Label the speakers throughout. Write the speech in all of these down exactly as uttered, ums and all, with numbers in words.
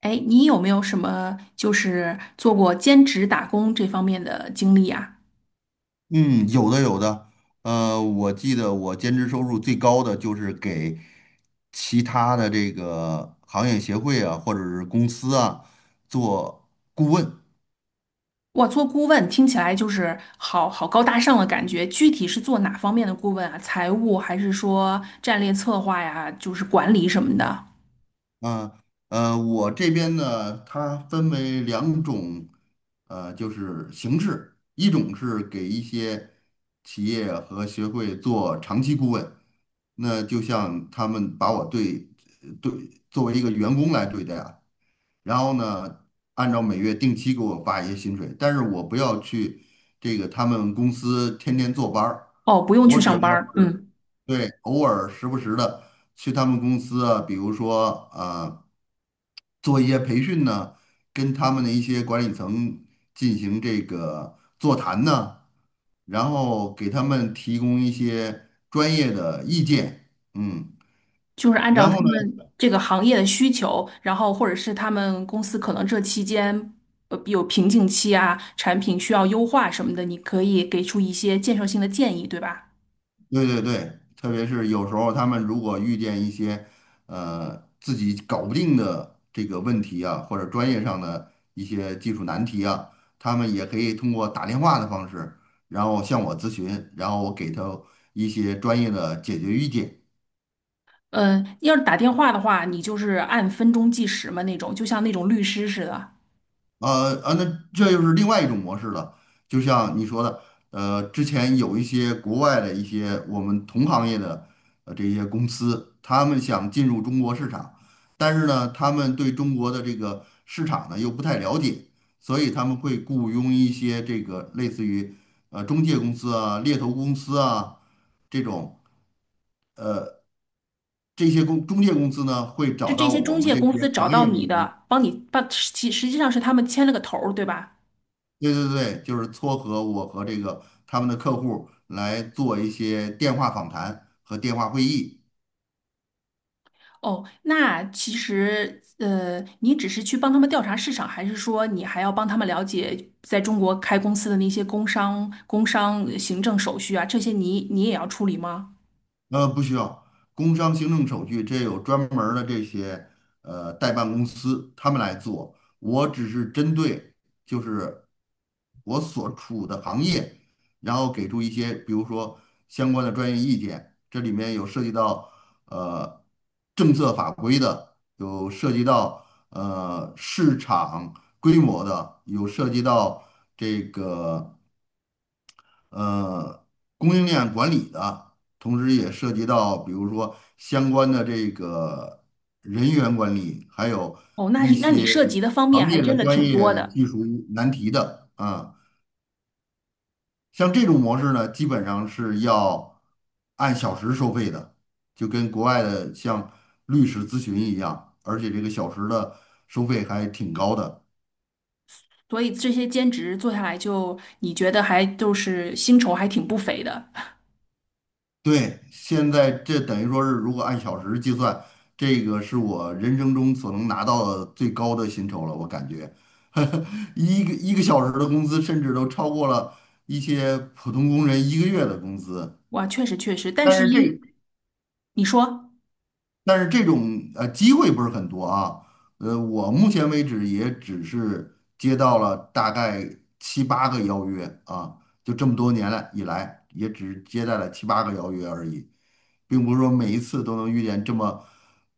Speaker 1: 哎，你有没有什么就是做过兼职打工这方面的经历啊？
Speaker 2: 嗯，有的有的，呃，我记得我兼职收入最高的就是给其他的这个行业协会啊，或者是公司啊做顾问。
Speaker 1: 哇，做顾问听起来就是好好高大上的感觉，具体是做哪方面的顾问啊？财务还是说战略策划呀？就是管理什么的？
Speaker 2: 呃，我这边呢，它分为两种，呃，就是形式，一种是给一些企业和协会做长期顾问，那就像他们把我对对作为一个员工来对待啊，然后呢，按照每月定期给我发一些薪水，但是我不要去这个他们公司天天坐班儿，
Speaker 1: 哦，不用
Speaker 2: 我
Speaker 1: 去
Speaker 2: 只要
Speaker 1: 上班儿，
Speaker 2: 是
Speaker 1: 嗯，
Speaker 2: 对偶尔时不时的去他们公司啊，比如说啊。呃做一些培训呢，跟他们的一些管理层进行这个座谈呢，然后给他们提供一些专业的意见，嗯，
Speaker 1: 就是按照
Speaker 2: 然
Speaker 1: 他
Speaker 2: 后呢，
Speaker 1: 们这个行业的需求，然后或者是他们公司可能这期间呃有瓶颈期啊，产品需要优化什么的，你可以给出一些建设性的建议，对吧？
Speaker 2: 对对对，特别是有时候他们如果遇见一些呃自己搞不定的这个问题啊，或者专业上的一些技术难题啊，他们也可以通过打电话的方式，然后向我咨询，然后我给他一些专业的解决意见。
Speaker 1: 呃，要是打电话的话，你就是按分钟计时嘛，那种就像那种律师似的，
Speaker 2: 呃啊，那这又是另外一种模式了。就像你说的，呃，之前有一些国外的一些我们同行业的呃这些公司，他们想进入中国市场，但是呢，他们对中国的这个市场呢又不太了解，所以他们会雇佣一些这个类似于呃中介公司啊、猎头公司啊这种这些公中介公司呢，会
Speaker 1: 是
Speaker 2: 找
Speaker 1: 这
Speaker 2: 到
Speaker 1: 些
Speaker 2: 我
Speaker 1: 中
Speaker 2: 们
Speaker 1: 介
Speaker 2: 这
Speaker 1: 公
Speaker 2: 些
Speaker 1: 司找
Speaker 2: 行
Speaker 1: 到
Speaker 2: 业
Speaker 1: 你
Speaker 2: 里面。
Speaker 1: 的，帮你把其实际上是他们牵了个头儿，对吧？
Speaker 2: 对对对，就是撮合我和这个他们的客户来做一些电话访谈和电话会议。
Speaker 1: 哦，那其实呃，你只是去帮他们调查市场，还是说你还要帮他们了解在中国开公司的那些工商、工商呃行政手续啊，这些你你也要处理吗？
Speaker 2: 呃，不需要工商行政手续，这有专门儿的这些呃代办公司他们来做。我只是针对就是我所处的行业，然后给出一些比如说相关的专业意见。这里面有涉及到呃政策法规的，有涉及到呃市场规模的，有涉及到这个呃供应链管理的，同时也涉及到比如说相关的这个人员管理，还有
Speaker 1: 哦，那
Speaker 2: 一
Speaker 1: 是那你
Speaker 2: 些
Speaker 1: 涉及的方面
Speaker 2: 行
Speaker 1: 还
Speaker 2: 业的
Speaker 1: 真的
Speaker 2: 专
Speaker 1: 挺多
Speaker 2: 业
Speaker 1: 的。
Speaker 2: 技术难题的啊。像这种模式呢，基本上是要按小时收费的，就跟国外的像律师咨询一样，而且这个小时的收费还挺高的。
Speaker 1: 所以这些兼职做下来就，你觉得还就是薪酬还挺不菲的。
Speaker 2: 对，现在这等于说是，如果按小时计算，这个是我人生中所能拿到的最高的薪酬了。我感觉，一个一个小时的工资，甚至都超过了一些普通工人一个月的工资。
Speaker 1: 哇，确实确实，但
Speaker 2: 但
Speaker 1: 是
Speaker 2: 是这
Speaker 1: 因你说，
Speaker 2: 但是这种呃机会不是很多啊。呃，我目前为止也只是接到了大概七八个邀约啊，就这么多年来以来，也只接待了七八个邀约而已。并不是说每一次都能遇见这么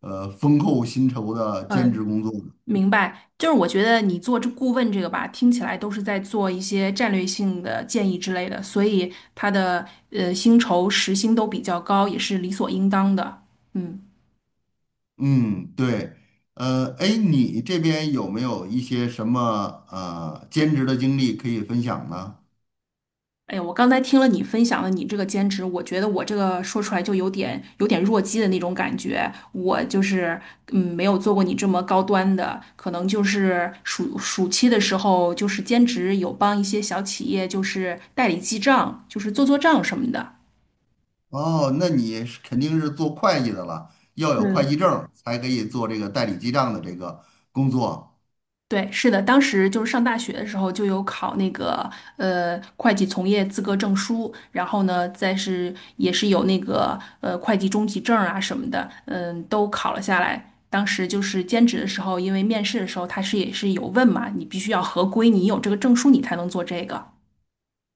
Speaker 2: 呃丰厚薪酬的兼职
Speaker 1: 嗯，
Speaker 2: 工作的。
Speaker 1: 明白，就是我觉得你做这顾问这个吧，听起来都是在做一些战略性的建议之类的，所以他的呃薪酬时薪都比较高，也是理所应当的。嗯。
Speaker 2: 嗯，对，呃，哎，你这边有没有一些什么呃兼职的经历可以分享呢？
Speaker 1: 哎呀，我刚才听了你分享了你这个兼职，我觉得我这个说出来就有点有点弱鸡的那种感觉。我就是嗯，没有做过你这么高端的，可能就是暑暑期的时候，就是兼职有帮一些小企业，就是代理记账，就是做做账什么的。
Speaker 2: 哦，那你是肯定是做会计的了，要有会计
Speaker 1: 嗯。
Speaker 2: 证儿才可以做这个代理记账的这个工作。
Speaker 1: 对，是的，当时就是上大学的时候就有考那个呃会计从业资格证书，然后呢，再是也是有那个呃会计中级证啊什么的，嗯，都考了下来。当时就是兼职的时候，因为面试的时候他是也是有问嘛，你必须要合规，你有这个证书你才能做这个。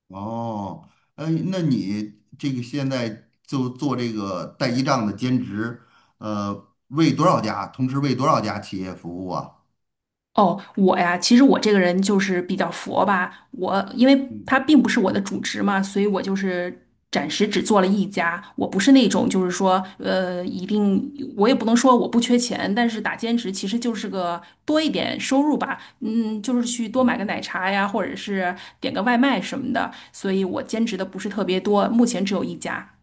Speaker 2: 哦，哎，那你这个现在就做这个代记账的兼职，呃，为多少家，同时为多少家企业服务啊？
Speaker 1: 哦，我呀，其实我这个人就是比较佛吧。我因为
Speaker 2: 嗯。
Speaker 1: 它并不是我的主职嘛，所以我就是暂时只做了一家。我不是那种就是说，呃，一定我也不能说我不缺钱，但是打兼职其实就是个多一点收入吧。嗯，就是去多
Speaker 2: 嗯。
Speaker 1: 买个奶茶呀，或者是点个外卖什么的。所以我兼职的不是特别多，目前只有一家。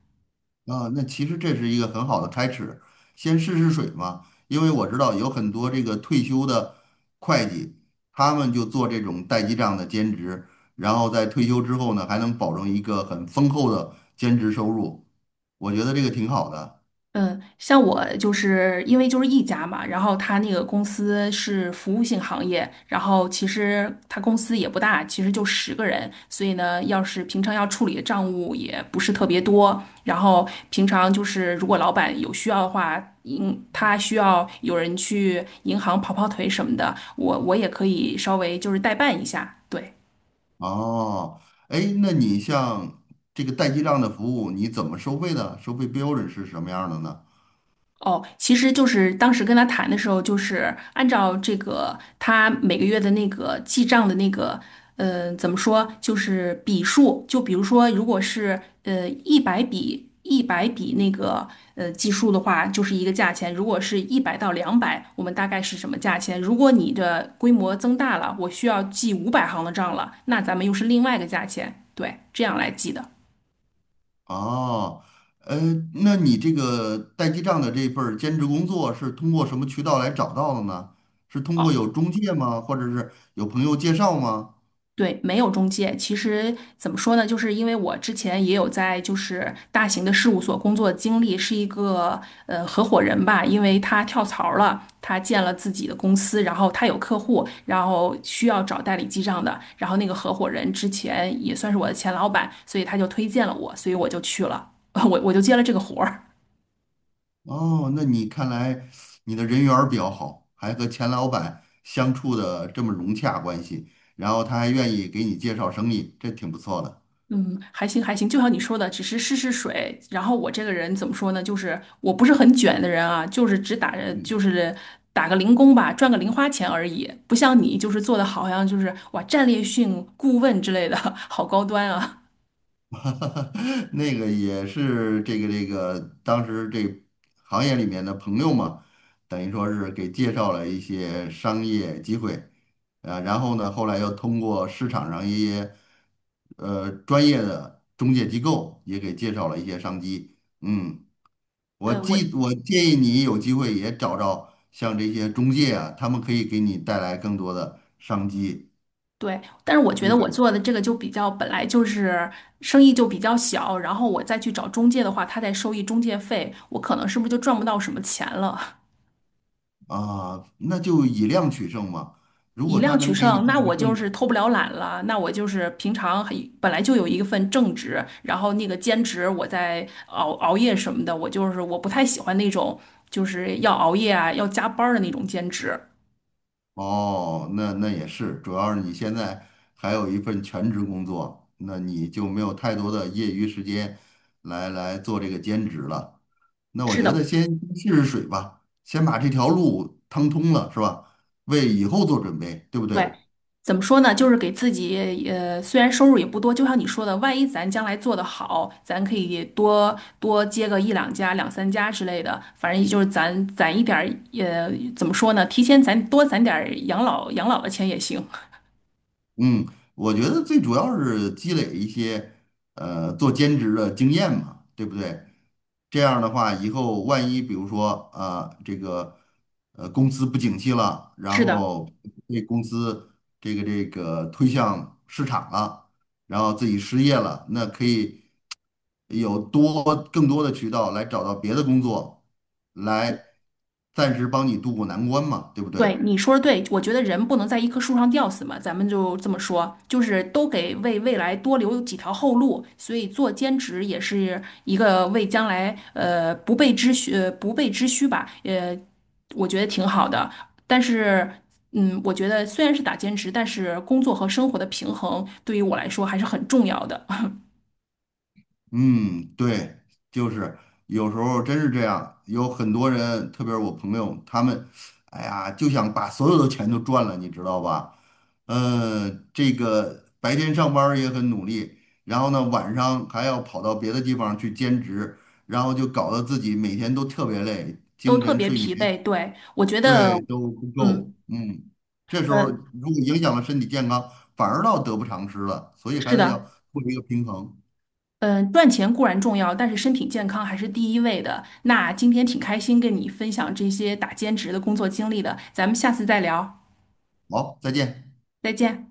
Speaker 2: 啊，那其实这是一个很好的开始，先试试水嘛。因为我知道有很多这个退休的会计，他们就做这种代记账的兼职，然后在退休之后呢，还能保证一个很丰厚的兼职收入，我觉得这个挺好的。
Speaker 1: 嗯，像我就是因为就是一家嘛，然后他那个公司是服务性行业，然后其实他公司也不大，其实就十个人，所以呢，要是平常要处理的账务也不是特别多，然后平常就是如果老板有需要的话，嗯，他需要有人去银行跑跑腿什么的，我我也可以稍微就是代办一下，对。
Speaker 2: 哦，哎，那你像这个代记账的服务，你怎么收费的？收费标准是什么样的呢？
Speaker 1: 哦，其实就是当时跟他谈的时候，就是按照这个他每个月的那个记账的那个，呃，怎么说，就是笔数，就比如说，如果是呃一百笔一百笔那个呃计数的话，就是一个价钱；如果是一百到两百，我们大概是什么价钱？如果你的规模增大了，我需要记五百行的账了，那咱们又是另外一个价钱，对，这样来记的。
Speaker 2: 哦，呃，那你这个代记账的这份儿兼职工作是通过什么渠道来找到的呢？是通过有中介吗？或者是有朋友介绍吗？
Speaker 1: 对，没有中介。其实怎么说呢，就是因为我之前也有在就是大型的事务所工作的经历，是一个呃合伙人吧，因为他跳槽了，他建了自己的公司，然后他有客户，然后需要找代理记账的，然后那个合伙人之前也算是我的前老板，所以他就推荐了我，所以我就去了，我我就接了这个活儿。
Speaker 2: 哦，那你看来你的人缘儿比较好，还和钱老板相处的这么融洽关系，然后他还愿意给你介绍生意，这挺不错的。
Speaker 1: 嗯，还行还行，就像你说的，只是试试水。然后我这个人怎么说呢？就是我不是很卷的人啊，就是只打着就
Speaker 2: 嗯。
Speaker 1: 是打个零工吧，赚个零花钱而已。不像你，就是做的好像就是哇，战略性顾问之类的，好高端啊。
Speaker 2: 那个也是这个这个，当时这行业里面的朋友嘛，等于说是给介绍了一些商业机会，啊，然后呢，后来又通过市场上一些呃专业的中介机构也给介绍了一些商机。嗯，我
Speaker 1: 呃，我
Speaker 2: 记，我建议你有机会也找找像这些中介啊，他们可以给你带来更多的商机
Speaker 1: 对，但是我觉
Speaker 2: 机
Speaker 1: 得
Speaker 2: 会。
Speaker 1: 我做的这个就比较本来就是生意就比较小，然后我再去找中介的话，他再收一中介费，我可能是不是就赚不到什么钱了？
Speaker 2: 啊，那就以量取胜嘛。如
Speaker 1: 以
Speaker 2: 果他
Speaker 1: 量取
Speaker 2: 能给你
Speaker 1: 胜，
Speaker 2: 带
Speaker 1: 那
Speaker 2: 来
Speaker 1: 我就是
Speaker 2: 更，
Speaker 1: 偷不了懒了，那我就是平常很本来就有一份正职，然后那个兼职我在熬熬夜什么的，我就是我不太喜欢那种就是要熬夜啊要加班儿的那种兼职。
Speaker 2: 哦，那那也是，主要是你现在还有一份全职工作，那你就没有太多的业余时间来来做这个兼职了。那我
Speaker 1: 是
Speaker 2: 觉
Speaker 1: 的，
Speaker 2: 得先试试水吧，先把这条路趟通了，是吧？为以后做准备，对不
Speaker 1: 对。
Speaker 2: 对？
Speaker 1: 怎么说呢？就是给自己，呃，虽然收入也不多，就像你说的，万一咱将来做得好，咱可以多多接个一两家、两三家之类的。反正就是咱攒一点儿，呃，怎么说呢？提前攒多攒点儿养老养老的钱也行。
Speaker 2: 嗯，我觉得最主要是积累一些呃做兼职的经验嘛，对不对？这样的话，以后万一比如说呃这个呃公司不景气了，
Speaker 1: 是
Speaker 2: 然
Speaker 1: 的，
Speaker 2: 后被公司这个这个推向市场了，然后自己失业了，那可以有多更多的渠道来找到别的工作，来暂时帮你渡过难关嘛，对不对？
Speaker 1: 对你说的对，我觉得人不能在一棵树上吊死嘛，咱们就这么说，就是都给为未来多留几条后路，所以做兼职也是一个为将来呃不备之需呃不备之需吧，呃，我觉得挺好的。但是，嗯，我觉得虽然是打兼职，但是工作和生活的平衡对于我来说还是很重要的，
Speaker 2: 嗯，对，就是有时候真是这样，有很多人，特别是我朋友，他们，哎呀，就想把所有的钱都赚了，你知道吧？嗯，这个白天上班儿也很努力，然后呢，晚上还要跑到别的地方去兼职，然后就搞得自己每天都特别累，
Speaker 1: 都
Speaker 2: 精
Speaker 1: 特
Speaker 2: 神
Speaker 1: 别
Speaker 2: 睡眠
Speaker 1: 疲惫。对，我觉得，
Speaker 2: 对都不够，
Speaker 1: 嗯，
Speaker 2: 嗯，这时候
Speaker 1: 呃，
Speaker 2: 如果影响了身体健康，反而倒得不偿失了，所以
Speaker 1: 是
Speaker 2: 还是要
Speaker 1: 的。
Speaker 2: 做一个平衡。
Speaker 1: 嗯，赚钱固然重要，但是身体健康还是第一位的。那今天挺开心跟你分享这些打兼职的工作经历的，咱们下次再聊，
Speaker 2: 好，再见。
Speaker 1: 再见。